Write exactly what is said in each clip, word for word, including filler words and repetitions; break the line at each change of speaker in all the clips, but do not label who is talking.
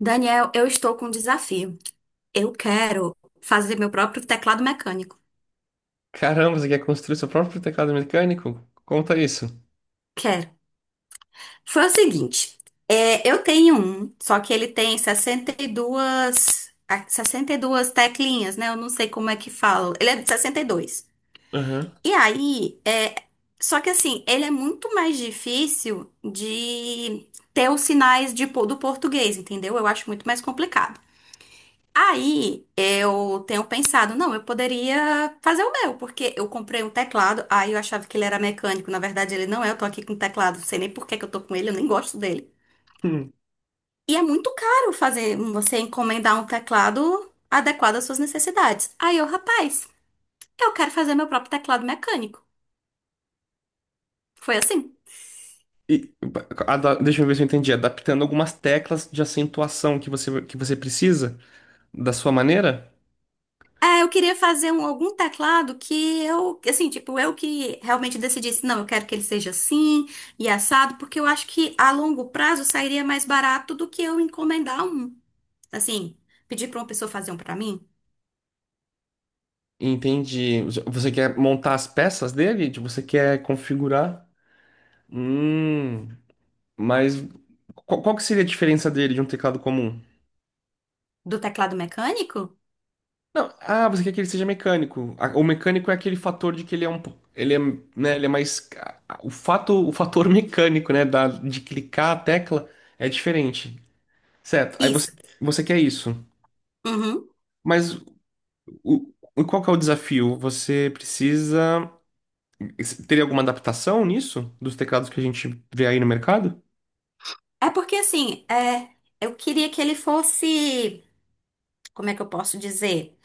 Daniel, eu estou com um desafio. Eu quero fazer meu próprio teclado mecânico.
Caramba, você quer construir seu próprio teclado mecânico? Conta isso.
Quero. Foi o seguinte, é, eu tenho um, só que ele tem sessenta e duas, ah, sessenta e duas teclinhas, né? Eu não sei como é que fala. Ele é de sessenta e dois. E dois.
Aham.
E aí, é, só que assim, ele é muito mais difícil de ter os sinais de, po- do português, entendeu? Eu acho muito mais complicado. Aí eu tenho pensado, não, eu poderia fazer o meu, porque eu comprei um teclado, aí eu achava que ele era mecânico, na verdade ele não é, eu tô aqui com um teclado, não sei nem por que que eu tô com ele, eu nem gosto dele.
Hum.
E é muito caro fazer você encomendar um teclado adequado às suas necessidades. Aí eu, rapaz, eu quero fazer meu próprio teclado mecânico. Foi assim.
E, ada- Deixa eu ver se eu entendi. Adaptando algumas teclas de acentuação que você, que você precisa da sua maneira?
É, eu queria fazer um, algum teclado que eu, assim, tipo, eu que realmente decidisse, não, eu quero que ele seja assim e assado, porque eu acho que a longo prazo sairia mais barato do que eu encomendar um. Assim, pedir pra uma pessoa fazer um pra mim,
Entendi. Você quer montar as peças dele? Tipo, você quer configurar? Hum, mas qual, qual que seria a diferença dele de um teclado comum?
do teclado mecânico?
Não, ah, você quer que ele seja mecânico. A- O mecânico é aquele fator de que ele é um, po- ele é, né, ele é mais a- a- o fato, o fator mecânico, né, da, de clicar a tecla é diferente. Certo. Aí você
Isso.
Você quer isso.
Uhum.
Mas o, o- qual que é o desafio? Você precisa ter alguma adaptação nisso dos teclados que a gente vê aí no mercado?
É porque, assim, é, eu queria que ele fosse, como é que eu posso dizer?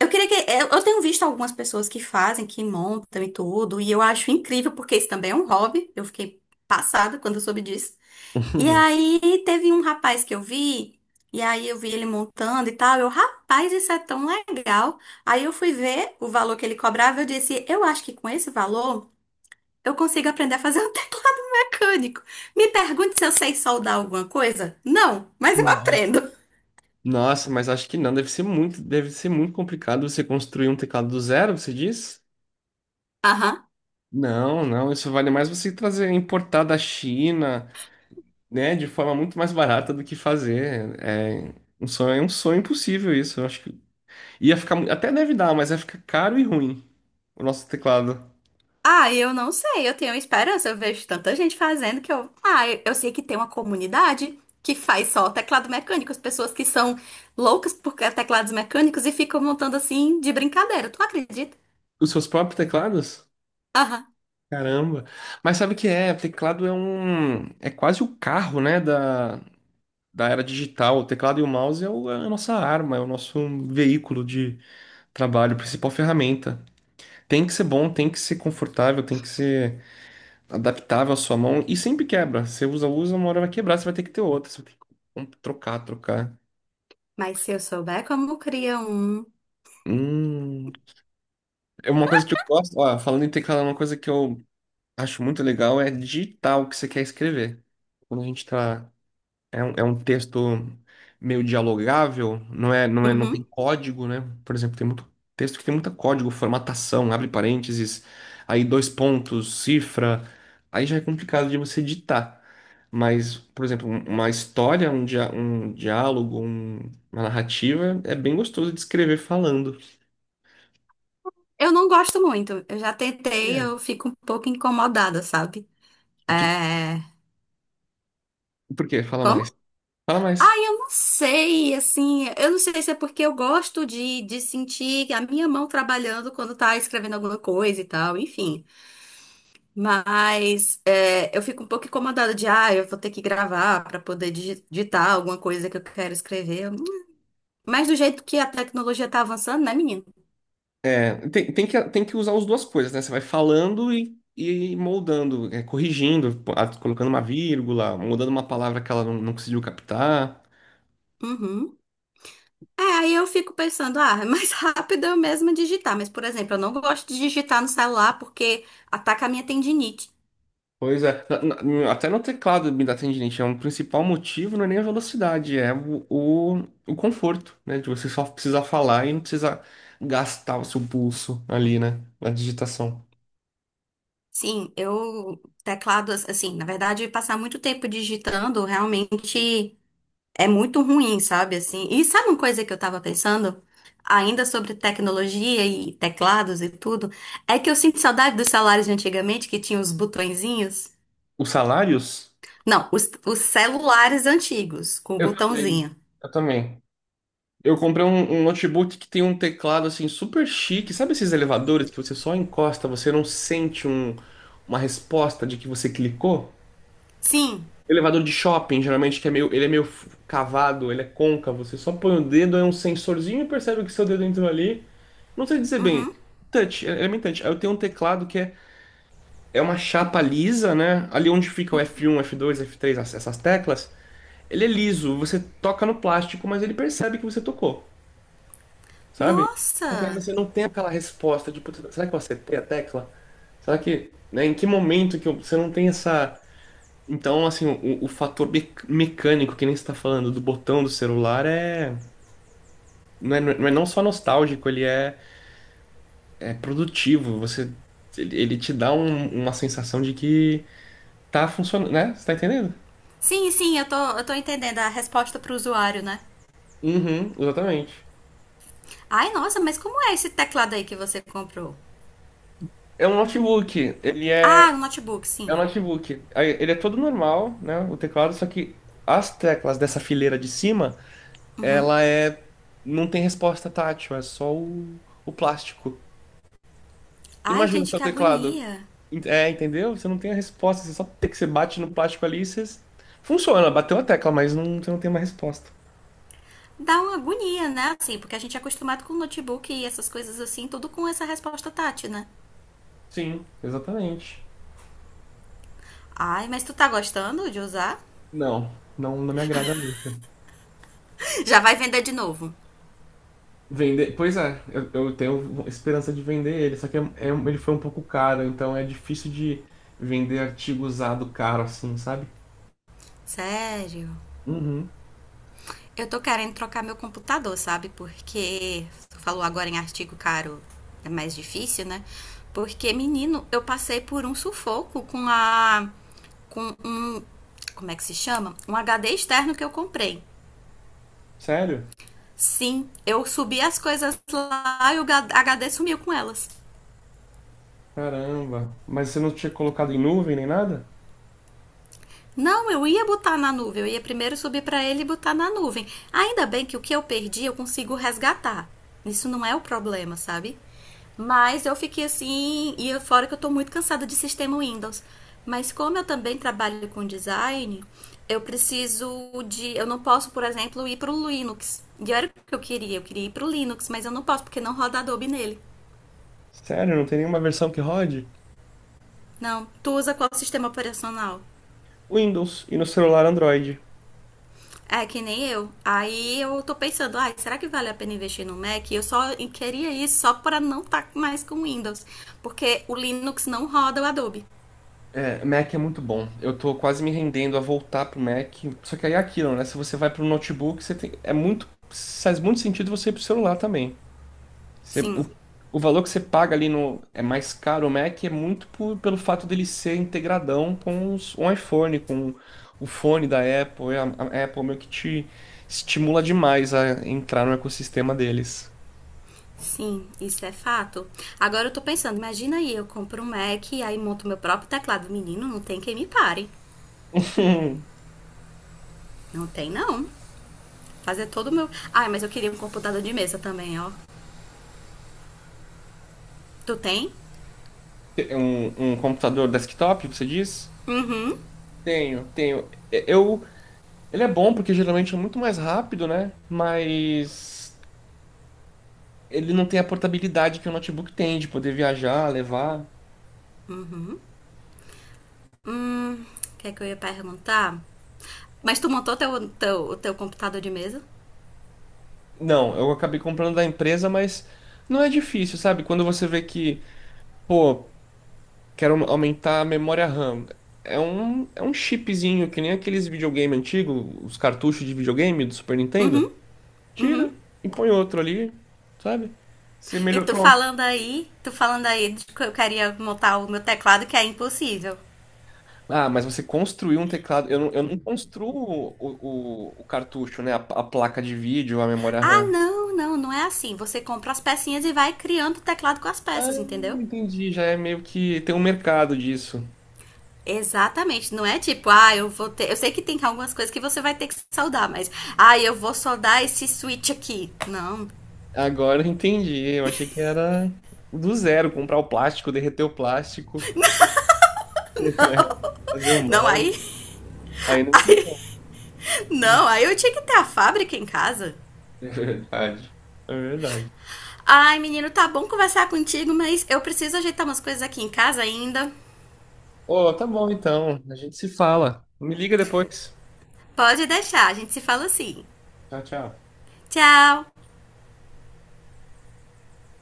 Eu queria que. Eu eu tenho visto algumas pessoas que fazem, que montam e tudo, e eu acho incrível, porque isso também é um hobby. Eu fiquei passada quando eu soube disso. E aí teve um rapaz que eu vi, e aí eu vi ele montando e tal. Eu, rapaz, isso é tão legal. Aí eu fui ver o valor que ele cobrava, eu disse, eu acho que com esse valor eu consigo aprender a fazer um teclado mecânico. Me pergunte se eu sei soldar alguma coisa? Não, mas eu
Nossa.
aprendo.
Nossa, mas acho que não, deve ser muito, deve ser muito complicado você construir um teclado do zero, você diz?
Aham.
Não, não, isso vale mais você trazer, importar da China, né, de forma muito mais barata do que fazer. É um sonho, é um sonho impossível isso. Eu acho que ia ficar, mu- até deve dar, mas ia ficar caro e ruim o nosso teclado.
Ah, eu não sei, eu tenho esperança, eu vejo tanta gente fazendo que eu. Ah, eu, eu sei que tem uma comunidade que faz só teclado mecânico, as pessoas que são loucas por teclados mecânicos e ficam montando assim de brincadeira, tu acredita?
Os seus próprios teclados?
Aham.
Caramba. Mas sabe o que é? Teclado é um, é quase o carro, né, da, da era digital. O teclado e o mouse é, o- é a nossa arma, é o nosso veículo de trabalho, a principal ferramenta. Tem que ser bom, tem que ser confortável, tem que ser adaptável à sua mão e sempre quebra. Você usa, usa, uma hora vai quebrar, você vai ter que ter outra, você vai ter que com- trocar, trocar.
Mas se eu souber como cria um.
Hum, é uma coisa que eu gosto, ó, falando em teclado, uma coisa que eu acho muito legal é digitar o que você quer escrever. Quando a gente tá É um, é um texto meio dialogável, não é, não é, não tem
Uhum.
código, né? Por exemplo, tem muito texto que tem muito código, formatação, abre parênteses, aí dois pontos, cifra, aí já é complicado de você ditar. Mas, por exemplo, um- uma história, um, dia, um diálogo, um- uma narrativa, é bem gostoso de escrever falando.
Eu não gosto muito, eu já tentei, eu
É.
fico um pouco incomodada, sabe?
Fi-
É.
Por quê? Fala mais.
Como?
Fala mais.
Ai, eu não sei, assim, eu não sei se é porque eu gosto de, de sentir a minha mão trabalhando quando tá escrevendo alguma coisa e tal, enfim. Mas é, eu fico um pouco incomodada de, ah, eu vou ter que gravar pra poder digi- digitar alguma coisa que eu quero escrever. Mas do jeito que a tecnologia tá avançando, né, menino?
É, tem, tem que, tem que usar as duas coisas, né? Você vai falando e, e moldando, é, corrigindo, pô, ah, colocando uma vírgula, mudando uma palavra que ela não, não conseguiu captar.
Uhum. É, aí eu fico pensando, ah, é mais rápido eu mesma digitar. Mas, por exemplo, eu não gosto de digitar no celular porque ataca a minha tendinite.
Pois é, Na- na- até no teclado me dá tendinite, é um principal motivo, não é nem a velocidade, é o, o, o conforto, né? De você só precisar falar e não precisar gastar o seu pulso ali, né? Na digitação.
Sim, eu teclado assim, na verdade, passar muito tempo digitando realmente é muito ruim, sabe? Assim, e sabe uma coisa que eu tava pensando ainda sobre tecnologia e teclados e tudo, é que eu sinto saudade dos celulares de antigamente que tinham os botõezinhos.
Os salários?
Não, os, os celulares antigos com o
Eu também.
botãozinho.
Eu também. Eu comprei um, um notebook que tem um teclado assim super chique. Sabe esses elevadores que você só encosta, você não sente um- uma resposta de que você clicou?
Sim.
Elevador de shopping, geralmente, que é meio, ele é meio f- cavado, ele é côncavo. Você só põe o dedo, é um sensorzinho e percebe que seu dedo entrou ali. Não sei dizer bem.
Uhum.
Touch, é é bem touch. Aí eu tenho um teclado que é, é uma chapa lisa, né? Ali onde fica o éfe um, éfe dois, éfe três, as- essas teclas. Ele é liso, você toca no plástico, mas ele percebe que você tocou. Sabe? Só que aí
Nossa.
você não tem aquela resposta de: "Putz, será que eu acertei a tecla? Será que, né, em que momento que eu- você não tem essa..." Então, assim, o, o fator mec- mecânico, que nem você está falando do botão do celular, é... Não é, não é não só nostálgico, ele é, é produtivo. Você, ele, ele te dá um- uma sensação de que tá funcionando, né? Você tá entendendo?
Sim, sim, eu tô, eu tô entendendo a resposta pro usuário, né?
Uhum, exatamente.
Ai, nossa, mas como é esse teclado aí que você comprou?
É um notebook, ele é
Ah, um notebook,
É um
sim.
notebook. Aí, ele é todo normal, né? O teclado, só que as teclas dessa fileira de cima, ela é. Não tem resposta tátil, é só o, o plástico.
Ai,
Imagina o
gente,
seu
que
teclado.
agonia.
Ent- É, entendeu? Você não tem a resposta, você só tem que você bate no plástico ali e você. Funciona, bateu a tecla, mas não, você não tem uma resposta.
Dá uma agonia, né? Assim, porque a gente é acostumado com notebook e essas coisas assim, tudo com essa resposta tátil, né?
Sim, exatamente.
Ai, mas tu tá gostando de usar?
Não, não, não me agrada muito.
Já vai vender de novo.
Vender, pois é, eu, eu tenho esperança de vender ele, só que é, é um- ele foi um pouco caro, então é difícil de vender artigo usado caro assim, sabe?
Sério.
Uhum.
Eu tô querendo trocar meu computador, sabe? Porque tu falou agora em artigo caro, é mais difícil, né? Porque, menino, eu passei por um sufoco com a com um, como é que se chama? Um H D externo que eu comprei.
Sério?
Sim, eu subi as coisas lá e o H D sumiu com elas.
Caramba. Mas você não tinha colocado em nuvem nem nada?
Não, eu ia botar na nuvem. Eu ia primeiro subir para ele e botar na nuvem. Ainda bem que o que eu perdi eu consigo resgatar. Isso não é o problema, sabe? Mas eu fiquei assim, e fora que eu tô muito cansada de sistema Windows. Mas como eu também trabalho com design, eu preciso de. Eu não posso, por exemplo, ir pro Linux. E era o que eu queria, eu queria ir pro Linux, mas eu não posso porque não roda Adobe nele.
Sério, não tem nenhuma versão que rode?
Não, tu usa qual sistema operacional?
Windows e no celular Android.
É que nem eu. Aí eu tô pensando, ai, será que vale a pena investir no Mac? Eu só queria isso só para não estar mais com Windows, porque o Linux não roda o Adobe.
É, Mac é muito bom. Eu tô quase me rendendo a voltar pro Mac. Só que aí é aquilo, né? Se você vai pro notebook, você tem... é muito. Faz muito sentido você ir pro celular também. Você-
Sim,
o, o valor que você paga ali no é mais caro, o Mac é muito por- pelo fato dele ser integradão com os, o iPhone, com o fone da Apple. é A a Apple meio que te estimula demais a entrar no ecossistema deles.
sim, isso é fato. Agora eu tô pensando, imagina aí, eu compro um Mac e aí monto meu próprio teclado. Menino, não tem quem me pare. Não tem não. Fazer todo o meu. Ai, mas eu queria um computador de mesa também, ó. Tu tem?
Um, um computador desktop, você diz?
Uhum.
Tenho, tenho. E- Eu, ele é bom porque geralmente é muito mais rápido, né? Mas ele não tem a portabilidade que o notebook tem de poder viajar, levar.
Hum, o que é que eu ia perguntar? Mas tu montou teu, teu, o teu computador de mesa.
Não, eu acabei comprando da empresa, mas não é difícil, sabe? Quando você vê que, pô, quero aumentar a memória RAM. É um, é um chipzinho, que nem aqueles videogame antigo, os cartuchos de videogame do Super Nintendo. Tira e põe outro ali, sabe? Você
E
melhor,
tu
pronto.
falando aí, tu falando aí de que eu queria montar o meu teclado, que é impossível.
Ah, mas você construiu um teclado. Eu não, eu não construo o, o, o cartucho, né? A, a placa de vídeo, a memória
Ah,
RAM.
não, não, não é assim. Você compra as pecinhas e vai criando o teclado com as
Ah,
peças, entendeu?
entendi. Já é meio que tem um mercado disso.
Exatamente, não é tipo, ah, eu vou ter. Eu sei que tem algumas coisas que você vai ter que soldar, mas. Ah, eu vou soldar esse switch aqui. Não,
Agora eu entendi. Eu achei que era do zero, comprar o plástico, derreter o plástico, fazer um
não, aí.
molde. Aí não tem como.
Não,
Hum,
aí eu tinha que ter a fábrica em casa.
É verdade. É verdade.
Ai, menino, tá bom conversar contigo, mas eu preciso ajeitar umas coisas aqui em casa ainda.
Ô, tá bom então. A gente se fala. Me liga depois.
Pode deixar, a gente se fala assim.
Tchau, tchau.
Tchau!